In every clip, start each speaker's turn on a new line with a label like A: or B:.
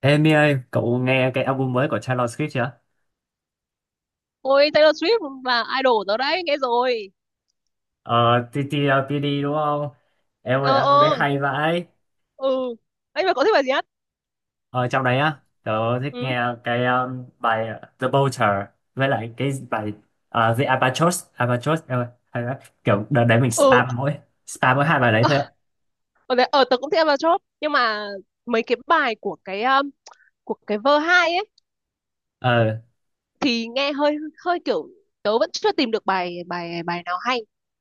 A: Ê Mi ơi, cậu nghe cái album mới của Taylor Swift chưa?
B: Ôi Taylor Swift là idol tớ đấy, nghe rồi.
A: Ờ, TTLPD đúng không? Em
B: ờ
A: ơi, album đấy
B: ờ
A: hay vãi.
B: ừ. Anh mà có thích bài gì hết?
A: Ờ, trong đấy á, tớ thích
B: Ừ.
A: nghe cái bài The Vulture với lại cái bài The Albatross. Albatross, em ơi, hay lắm. Kiểu đợt đấy mình
B: Ừ.
A: spam mỗi hai bài đấy thôi. Ấy.
B: Ở tớ cũng thích Avatar Chop, nhưng mà mấy cái bài của cái vơ hai ấy
A: Ờ,
B: thì nghe hơi hơi kiểu tớ vẫn chưa tìm được bài bài bài nào hay,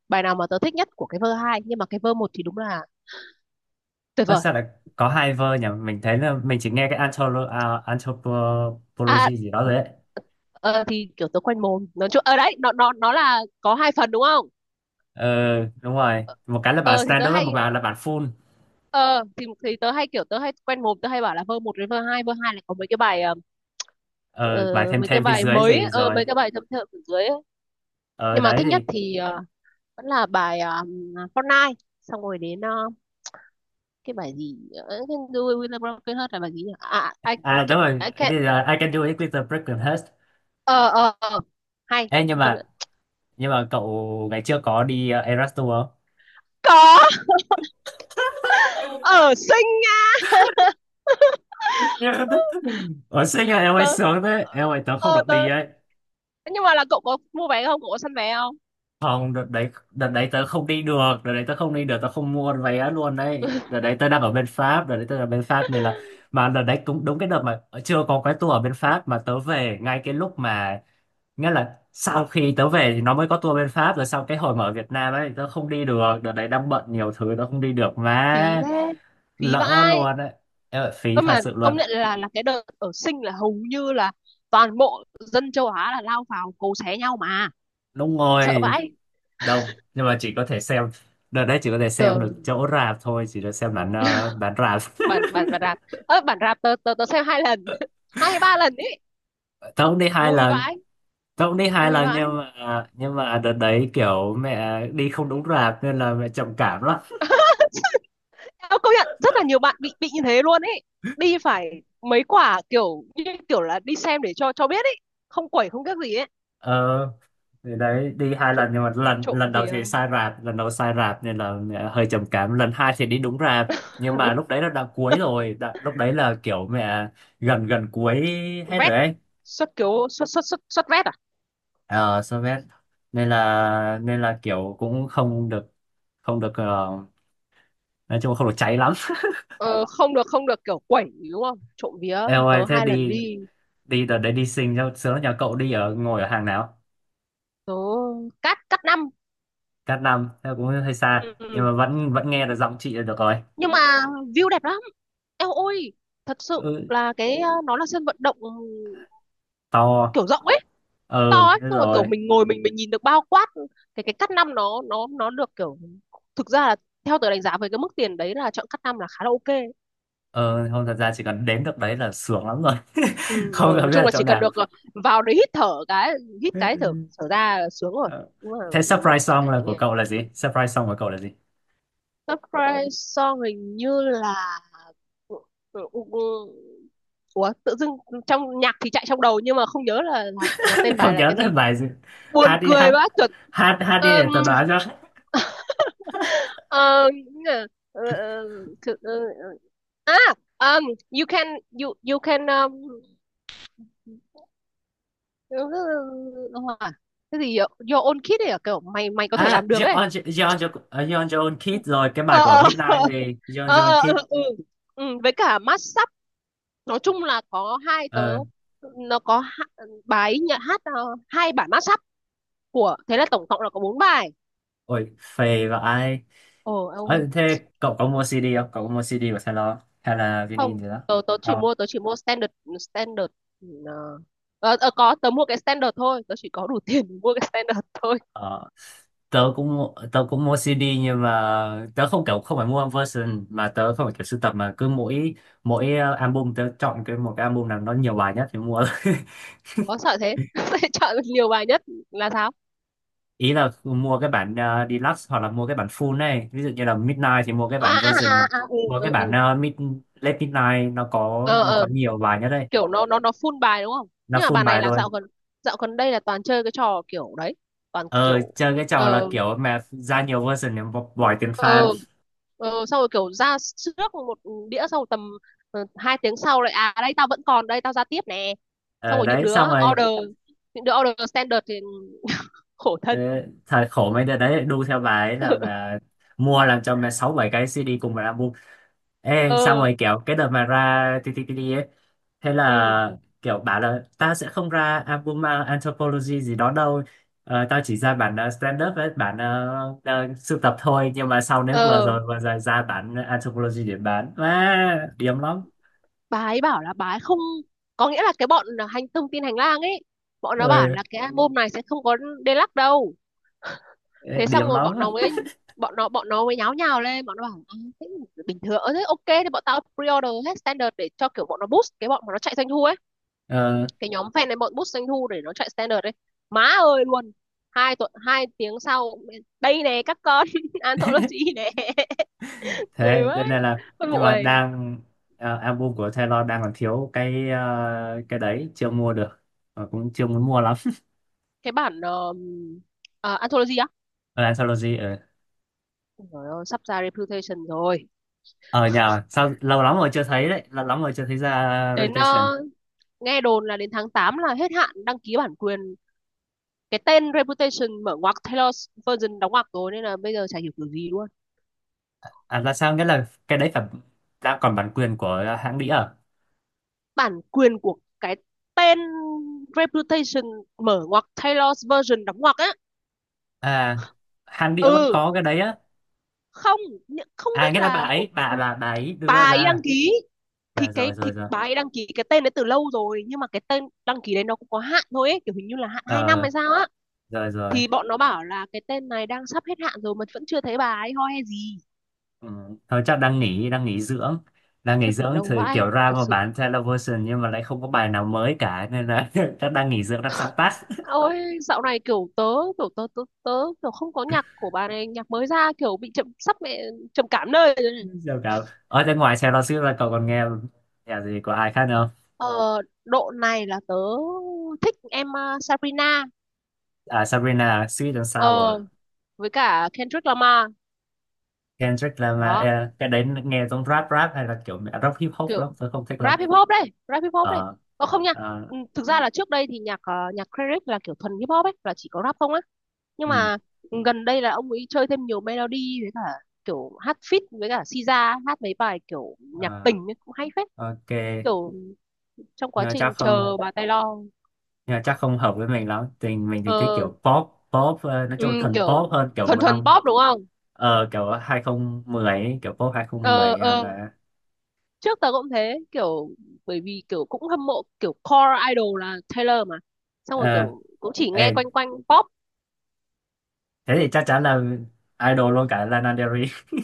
B: bài nào mà tớ thích nhất của cái vơ hai, nhưng mà cái vơ một thì đúng là tuyệt
A: ơ,
B: vời.
A: sao lại có hai verse nhỉ? Mình thấy là mình chỉ nghe cái
B: À,
A: Anthropology gì đó đấy.
B: ờ, thì kiểu tớ quanh mồm nói chung ở đấy nó là có hai phần đúng không?
A: Ờ, đúng rồi. Một cái là bản
B: Ờ thì tớ
A: standard, và
B: hay
A: một bài là bản full.
B: ờ thì tớ hay kiểu tớ hay quen mồm tớ hay bảo là vơ một đến vơ hai là có mấy cái bài,
A: Ờ, bài
B: ờ,
A: thêm
B: mấy cái
A: thêm phía
B: bài
A: dưới
B: mới ấy,
A: gì rồi.
B: mấy cái bài thâm thượng ở dưới ấy.
A: Ờ
B: Nhưng mà
A: đấy
B: thích nhất
A: thì,
B: thì vẫn là bài Fortnite, xong rồi đến cái bài gì, cái đuôi William Broken Heart là bài gì nhỉ? À,
A: à
B: ca-
A: đúng rồi,
B: I can
A: cái là I can do it with a broken heart.
B: ờ ờ ờ. hay,
A: Ê, nhưng
B: công
A: mà
B: nhận.
A: nhưng mà cậu ngày trước có đi Eras Tour không?
B: Có, ở xinh nha.
A: Ủa xinh à, em ơi
B: tớ
A: sướng thế. Em ơi, tớ không
B: ờ
A: được đi
B: tớ
A: ấy.
B: Nhưng mà là cậu có mua vé không, cậu có săn vé không?
A: Không, đợt đấy tớ không đi được, đợt đấy tớ không đi được, tớ không mua vé luôn đấy. Đợt đấy tớ đang ở bên Pháp, đợt đấy tớ ở bên Pháp nên là, mà đợt đấy cũng đúng cái đợt mà chưa có cái tour ở bên Pháp mà tớ về ngay cái lúc mà, nghĩa là sau khi tớ về thì nó mới có tour bên Pháp. Rồi sau cái hồi mà ở Việt Nam ấy, tớ không đi được, đợt đấy đang bận nhiều thứ, tớ không đi được
B: Phí
A: mà,
B: thế, phí
A: lỡ
B: vãi.
A: luôn đấy. Em ơi, phí
B: Cơ
A: thật
B: mà
A: sự luôn.
B: công nhận là cái đợt ở Sinh là hầu như là toàn bộ dân châu Á là lao vào cấu xé nhau mà,
A: Đúng
B: sợ
A: rồi,
B: vãi.
A: đông nhưng mà chỉ có thể xem, đợt đấy chỉ có thể xem
B: Giờ
A: được chỗ rạp thôi, chỉ được xem bản bản rạp.
B: bản bản bản rạp, ơ bản rạp tớ tớ tớ xem hai lần. Hai hay ba lần ấy,
A: Tớ cũng đi hai
B: vui
A: lần,
B: vãi.
A: tớ cũng đi hai
B: Vui
A: lần
B: vãi.
A: nhưng mà đợt đấy kiểu mẹ đi không đúng rạp nên là mẹ trầm cảm lắm.
B: Tớ công nhận rất là nhiều bạn bị như thế luôn ấy, đi phải mấy quả kiểu như kiểu là đi xem để cho biết ấy, không quẩy không biết gì ấy.
A: Ờ thì đấy, đi hai lần
B: trộm
A: nhưng mà lần
B: trộm
A: lần đầu
B: vì.
A: thì sai rạp, lần đầu sai rạp nên là mẹ hơi trầm cảm, lần hai thì đi đúng rạp nhưng mà lúc đấy là đã cuối rồi đã, lúc đấy là kiểu mẹ gần gần cuối, hết
B: Vét
A: rồi
B: à?
A: ấy.
B: Xuất kiểu xuất xuất xuất xuất vét à?
A: Ờ so với, nên là kiểu cũng không được, không được nói chung không được cháy lắm.
B: Ờ, không được kiểu quẩy đúng không? Trộm vía.
A: Eo ơi
B: Tớ
A: thế
B: hai lần
A: đi,
B: đi,
A: đi đợt đấy đi sinh cho sướng. Nhà cậu đi ở, ngồi ở hàng nào?
B: tớ cắt cắt năm.
A: Cát Năm, thế cũng hơi xa
B: Ừ.
A: nhưng
B: Ừ.
A: mà vẫn vẫn nghe được giọng chị là được rồi.
B: Nhưng mà view đẹp lắm. Eo ôi, thật sự
A: Ừ,
B: là cái nó là sân vận động, ừ,
A: to.
B: kiểu rộng ấy, to
A: Ừ
B: ấy,
A: thế
B: xong rồi kiểu
A: rồi.
B: mình ngồi mình nhìn được bao quát, ừ, cái cắt năm nó được kiểu, thực ra là theo tớ đánh giá với cái mức tiền đấy là chọn cắt năm là khá là ok.
A: Ừ, không thật ra chỉ cần đến được đấy là sướng lắm rồi.
B: Ừ, ừ,
A: Không
B: nói
A: cần biết
B: chung
A: là
B: là
A: chỗ
B: chỉ cần
A: nào.
B: được, vào đấy hít thở cái, hít cái thở, thở ra là sướng rồi,
A: Ờ.
B: cũng là
A: Thế
B: một
A: surprise song
B: trải
A: là của
B: nghiệm.
A: cậu là gì, surprise song của cậu là gì?
B: Surprise Song hình như là, ủa tự dưng trong nhạc thì chạy trong đầu nhưng mà không nhớ là tên bài
A: Không
B: là
A: nhớ
B: cái
A: là
B: gì,
A: bài gì,
B: buồn
A: hát đi
B: cười
A: hát
B: quá, chuẩn.
A: hát hát đi
B: Ờ,
A: để tớ đoán cho.
B: ờ, ờ, ờ, ờ, à um, you can you you can ờ, ờ, ờ, ờ, ờ, cái gì vậy? Your own kid ấy à? Kiểu mày mày có thể
A: À
B: làm được ấy.
A: John John, John John Kidd, rồi cái bài
B: ờ
A: của
B: ờ
A: Midnight gì. John John
B: ờ,
A: Kidd.
B: ừ. Ừ, với cả massage, nói chung là có hai. Tớ,
A: Ờ,
B: nó có bài nhạc hát, hai bản mashup của, thế là tổng cộng là có bốn bài.
A: ôi, phê vãi.
B: Ồ em ơi,
A: Ơ, thế cậu có mua CD không? Cậu có mua CD của Taylor hay là vinyl
B: không,
A: gì đó?
B: tớ
A: Không.
B: tớ chỉ mua standard. standard ờ, có, tớ mua cái standard thôi, tớ chỉ có đủ tiền để mua cái standard thôi.
A: Ờ, tớ cũng mua CD nhưng mà tớ không kiểu không phải mua version, mà tớ không phải kiểu sưu tập, mà cứ mỗi mỗi album tớ chọn cái một cái album nào nó nhiều bài nhất thì mua.
B: Có sợ thế. Sẽ chọn nhiều bài nhất là sao?
A: Ý là mua cái bản deluxe hoặc là mua cái bản full này. Ví dụ như là Midnight thì mua cái bản version,
B: À, ừ,
A: mua
B: ừ,
A: cái bản
B: ừ.
A: late Midnight, nó
B: Ờ,
A: có nhiều bài nhất đây.
B: kiểu nó full bài đúng không,
A: Nó
B: nhưng mà
A: full
B: bài này
A: bài
B: là
A: luôn.
B: dạo gần đây là toàn chơi cái trò kiểu đấy, toàn
A: Ờ,
B: kiểu.
A: chơi cái trò là
B: ờ,
A: kiểu map ra nhiều version để bỏ tiền farm.
B: ờ Xong rồi kiểu ra trước một đĩa, xong rồi tầm 2 tiếng sau lại, à đây tao vẫn còn, đây tao ra tiếp nè. Xong
A: Ờ
B: rồi
A: đấy xong rồi,
B: order những đứa order standard thì khổ
A: ờ,
B: thân.
A: thời khổ mấy đứa đấy lại đu theo bà ấy là mà, mua làm cho mẹ sáu bảy cái CD cùng một album. Ê xong
B: ờ
A: rồi kiểu cái đợt mà ra TTTD ấy, thế
B: ừ.
A: là kiểu bảo là tao sẽ không ra album, à, Anthropology gì đó đâu. Ờ, tao chỉ ra bản stand up với bản uh, sưu tập thôi. Nhưng mà sau đến vừa
B: ờ
A: rồi vừa rồi ra bản Anthropology để bán, à, điểm lắm.
B: bà ấy bảo là bà ấy không, có nghĩa là cái bọn hành, thông tin hành lang ấy, bọn nó bảo
A: Ừ,
B: là cái album này sẽ không có deluxe đâu. Thế xong
A: điểm
B: rồi
A: lắm.
B: bọn nó mới nháo nhào lên, bọn nó bảo, thế. Bình thường, thế ok thì bọn tao pre-order hết standard để cho kiểu bọn nó boost, cái bọn mà nó chạy doanh thu ấy,
A: Ờ,
B: cái nhóm fan này bọn bút doanh thu để nó chạy standard đấy. Má ơi luôn, 2 tuần, 2 tiếng sau, đây nè các con anthology nè. Cười
A: thế
B: quá
A: cho nên là
B: con
A: nhưng
B: bộ
A: mà
B: này,
A: đang, album của Taylor đang còn thiếu cái cái đấy chưa mua được. Ờ, cũng chưa muốn mua lắm.
B: cái bản anthology á.
A: Anthology ở,
B: Trời ơi, sắp ra reputation rồi.
A: ở nhà sao lâu lắm rồi chưa thấy đấy, lâu lắm rồi chưa thấy ra
B: đến
A: Reputation.
B: ờ, Nghe đồn là đến tháng 8 là hết hạn đăng ký bản quyền cái tên reputation mở ngoặc Taylor's version đóng ngoặc rồi, nên là bây giờ chả hiểu kiểu gì luôn.
A: À là sao, nghĩa là cái đấy phải đang còn bản quyền của hãng đĩa à?
B: Bản quyền của cái tên reputation mở ngoặc Taylor's version đóng ngoặc á.
A: À, hãng đĩa vẫn
B: Ừ.
A: có cái đấy á.
B: Không, không
A: À
B: biết
A: nghĩa là bà
B: là
A: ấy, bà ấy
B: bà
A: đưa
B: ấy đăng
A: ra.
B: ký, thì
A: Dạ,
B: cái
A: rồi
B: thì
A: rồi rồi
B: bà ấy đăng ký cái tên đấy từ lâu rồi, nhưng mà cái tên đăng ký đấy nó cũng có hạn thôi ấy, kiểu hình như là hạn 2 năm
A: Ờ,
B: hay sao á.
A: rồi rồi
B: Thì bọn nó bảo là cái tên này đang sắp hết hạn rồi mà vẫn chưa thấy bà ấy ho hay gì.
A: Ừ. Thôi chắc đang nghỉ, đang nghỉ dưỡng, đang nghỉ
B: Khiếp, nghỉ
A: dưỡng
B: lâu
A: thì
B: vãi
A: kiểu ra
B: thật
A: mà
B: sự.
A: bán television nhưng mà lại không có bài nào mới cả nên là chắc đang nghỉ dưỡng đang sáng tác.
B: Ôi, dạo này kiểu tớ, kiểu tớ tớ tớ kiểu không có nhạc của bà này, nhạc mới ra kiểu bị chậm, sắp mẹ trầm cảm nơi rồi này.
A: Giờ cả ở bên ngoài Taylor Swift là cậu còn nghe nhạc gì của ai khác không?
B: Ờ, Độ này là tớ thích em, Sabrina.
A: À Sabrina, Sweet and
B: ờ
A: Sour.
B: với cả Kendrick Lamar,
A: Kendrick Lamar.
B: đó
A: Ờ, cái đấy nghe giống rap rap hay là kiểu rock hip hop, lắm
B: kiểu
A: tôi không thích lắm.
B: rap hip hop đây, rap hip hop đây.
A: Ờ
B: Ờ không nha.
A: ờ,
B: Ừ, thực ra là trước đây thì nhạc nhạc credit là kiểu thuần hip hop ấy, là chỉ có rap không á, nhưng
A: ừ,
B: mà gần đây là ông ấy chơi thêm nhiều melody, với cả kiểu hát feat với cả Siza hát mấy bài kiểu nhạc
A: ờ,
B: tình ấy, cũng hay phết,
A: ok.
B: kiểu trong quá
A: Nhưng mà
B: trình
A: chắc
B: chờ
A: không,
B: bà Taylor.
A: nhưng mà chắc không hợp với mình lắm. Tình mình thì thích
B: ờ
A: kiểu pop pop nói
B: ừ,
A: chung là thần
B: kiểu
A: pop hơn, kiểu
B: thuần
A: một
B: thuần
A: năm,
B: pop đúng không?
A: ờ kiểu 2010 ấy, kiểu pop 2010
B: ờ
A: hay
B: ờ
A: là.
B: Trước tớ cũng thế, kiểu bởi vì kiểu cũng hâm mộ kiểu core idol là Taylor mà, xong rồi
A: Ờ
B: kiểu cũng chỉ
A: ê,
B: nghe quanh quanh pop.
A: thế thì chắc chắn là idol luôn cả Lana Del Rey.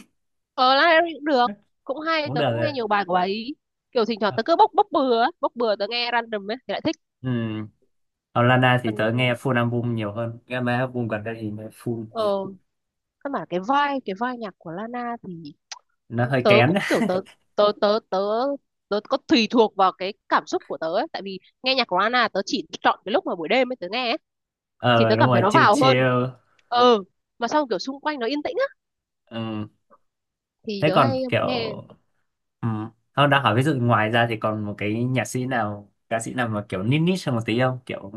B: Ờ, Lana Del Rey cũng được, cũng hay,
A: Cũng
B: tớ
A: được
B: cũng
A: rồi.
B: nghe nhiều bài của bà ấy, kiểu thỉnh thoảng tớ cứ bốc bốc bừa ấy. Bốc bừa Tớ nghe random ấy thì lại thích.
A: Ừ, còn Lana thì
B: Còn
A: tớ nghe full album nhiều hơn, nghe mấy album gần đây thì nghe full.
B: ờ căn bản cái vai nhạc của Lana thì
A: Nó hơi
B: tớ
A: kén.
B: cũng kiểu tớ tớ tớ tớ tớ có tùy thuộc vào cái cảm xúc của tớ ấy. Tại vì nghe nhạc của Lana tớ chỉ chọn cái lúc mà buổi đêm ấy tớ nghe ấy, thì
A: Ờ
B: tớ
A: đúng
B: cảm thấy
A: rồi,
B: nó
A: chill
B: vào hơn.
A: chill.
B: ờ mà xong kiểu xung quanh nó yên tĩnh á
A: Ừ.
B: thì
A: Thế
B: tớ
A: còn
B: hay
A: kiểu,
B: nghe.
A: ừ, không đang hỏi ví dụ ngoài ra thì còn một cái nhạc sĩ nào, ca sĩ nào mà kiểu niche niche hơn một tí không, kiểu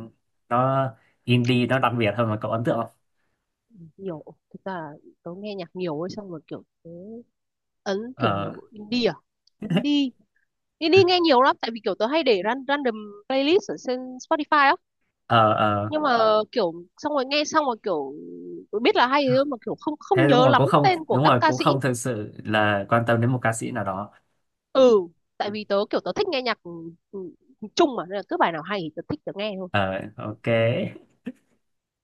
A: nó indie, nó đặc biệt hơn mà cậu ấn tượng không?
B: Nhiều, thực ra tớ nghe nhạc nhiều ấy, xong rồi kiểu tớ ấn
A: Ờ.
B: kiểu indie à? Indie, đi đi nghe nhiều lắm, tại vì kiểu tớ hay để random playlist ở trên Spotify á.
A: Ờ ờ,
B: Nhưng mà kiểu xong rồi nghe xong rồi kiểu tớ biết là hay thôi, mà kiểu không không
A: thế đúng
B: nhớ
A: rồi cũng
B: lắm
A: không,
B: tên của
A: đúng
B: các
A: rồi
B: ca
A: cũng
B: sĩ.
A: không thực sự là quan tâm đến một ca sĩ nào đó.
B: Ừ, tại
A: Ừ.
B: vì tớ thích nghe nhạc. Ừ, chung mà nên là cứ bài nào hay thì tớ thích tớ nghe thôi.
A: Ờ ok,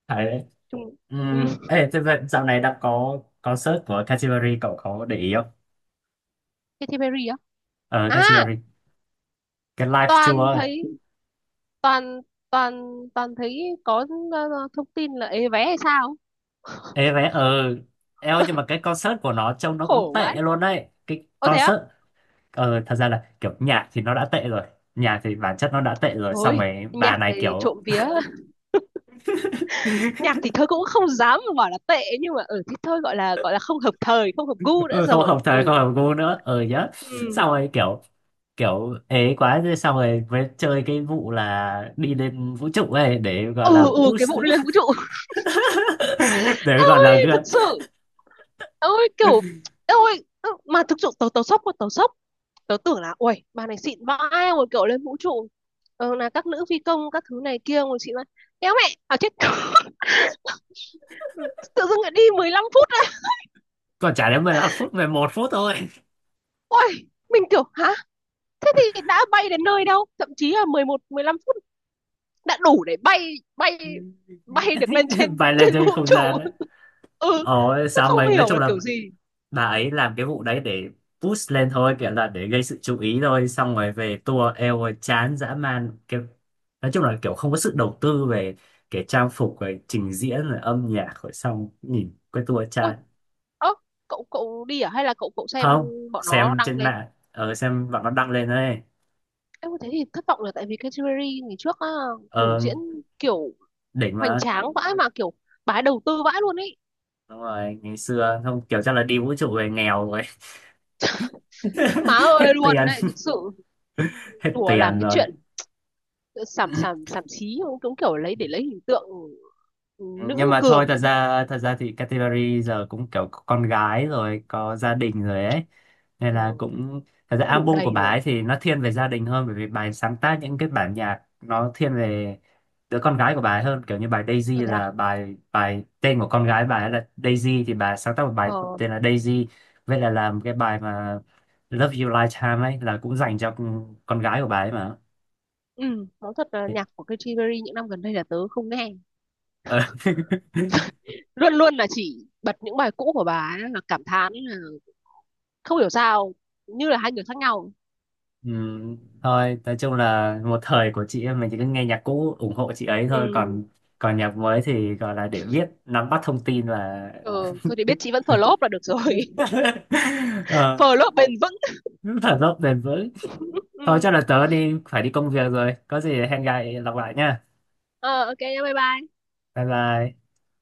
A: phải đấy.
B: Chung. Ừ.
A: Ê thế vậy dạo này đã có concert của Katy Perry, cậu có để ý không?
B: Katy Perry á?
A: Ờ Katy
B: À,
A: Perry, cái live
B: toàn
A: tour.
B: thấy toàn toàn toàn thấy có ờ, thông tin là ế vé hay sao,
A: Ê vé ờ, eo nhưng mà cái concert của nó trông nó cũng
B: khổ
A: tệ
B: vãi.
A: luôn đấy, cái
B: Ô thế á?
A: concert. Ờ thật ra là kiểu nhạc thì nó đã tệ rồi, nhạc thì bản chất nó đã tệ rồi xong
B: Thôi,
A: rồi bà
B: nhạc
A: này
B: thì
A: kiểu,
B: trộm vía, nhạc thì thôi cũng không dám mà bảo là tệ, nhưng mà ở, ừ, thì thôi gọi là không hợp thời, không hợp gu nữa
A: ừ, không
B: rồi.
A: hợp thời
B: Ừ.
A: không hợp gu nữa, ờ ừ, nhá.
B: Ừ.
A: Xong rồi kiểu, kiểu ấy quá thế xong rồi mới chơi cái vụ là đi lên vũ trụ ấy để gọi
B: Ừ.
A: là
B: Ừ, ừ, cái
A: push.
B: vụ đi lên vũ trụ.
A: Để gọi
B: Ôi
A: là
B: thực sự, ôi kiểu, ôi mà thực sự tớ tớ sốc quá, tớ sốc. Tớ tưởng là ui bà này xịn vãi rồi kiểu lên vũ trụ, là các nữ phi công các thứ này kia rồi xịn vãi, kéo mẹ à chết. Tự dưng lại đi 15 phút á?
A: còn chả đến 15 phút, 11 phút thôi.
B: Ôi, mình kiểu hả? Thế thì đã bay đến nơi đâu thậm chí là 11, 15 phút, đã đủ để bay bay bay được lên trên,
A: Bay lên
B: trên vũ
A: trên không
B: trụ.
A: gian ấy.
B: Ừ,
A: Ồ,
B: nó
A: xong
B: không
A: rồi nói
B: hiểu
A: chung
B: là
A: là
B: kiểu gì.
A: bà ấy làm cái vụ đấy để push lên thôi, kiểu là để gây sự chú ý thôi. Xong rồi về tour, eo ơi, chán dã man, kiểu nói chung là kiểu không có sự đầu tư về cái trang phục rồi trình diễn rồi âm nhạc rồi, xong nhìn cái tour
B: Ôi,
A: chán.
B: ơ, cậu cậu đi à, hay là cậu cậu xem
A: Không,
B: bọn nó
A: xem
B: đăng
A: trên
B: lên?
A: mạng, ờ, xem bạn nó đăng lên đấy.
B: Em thế thì thất vọng là tại vì cái Jewelry ngày trước á, biểu
A: Ờ,
B: diễn kiểu
A: đỉnh
B: hoành
A: mà.
B: tráng vãi, mà kiểu bà ấy đầu tư vãi luôn ấy.
A: Đúng rồi, ngày xưa không kiểu, chắc là đi vũ trụ về nghèo rồi.
B: Má ơi
A: Hết
B: luôn
A: tiền,
B: đấy thực sự.
A: hết
B: Đùa, làm
A: tiền
B: cái
A: rồi.
B: chuyện sàm sàm sàm xí cũng cũng kiểu lấy, để lấy hình tượng
A: Ừ, nhưng
B: nữ
A: mà thôi, thật
B: cường nữa.
A: ra thì Katy Perry giờ cũng kiểu có con gái rồi, có gia đình rồi ấy nên là
B: Ừ,
A: cũng, thật ra
B: đủ
A: album của
B: đầy
A: bà ấy
B: rồi.
A: thì nó thiên về gia đình hơn, bởi vì bà ấy sáng tác những cái bản nhạc nó thiên về đứa con gái của bà ấy hơn, kiểu như bài Daisy
B: Ờ, thế à.
A: là bài bài tên của con gái bà ấy là Daisy, thì bà ấy sáng tác một bài
B: ờ,
A: tên là Daisy. Vậy là làm cái bài mà Love You Lifetime ấy là cũng dành cho con gái của bà ấy mà.
B: Ừ, nói thật là nhạc của Katy Perry những năm gần đây là tớ không nghe.
A: Ờ.
B: Luôn luôn là chỉ bật những bài cũ của bà ấy, là cảm thán là không hiểu sao, như là hai người khác nhau.
A: Ừ, thôi nói chung là một thời của chị em mình, chỉ cứ nghe nhạc cũ ủng hộ chị ấy thôi,
B: Ừ,
A: còn còn nhạc mới thì gọi là để biết nắm bắt thông tin và.
B: ừ thôi thì biết chị vẫn flop là được rồi.
A: Ờ,
B: Flop bền vững.
A: thở dốc bền vững. Thôi
B: Ừ.
A: chắc là tớ đi, phải đi công việc rồi, có gì hẹn gặp lại, lặp lại nha.
B: ờ, ok, bye bye.
A: Bye bye.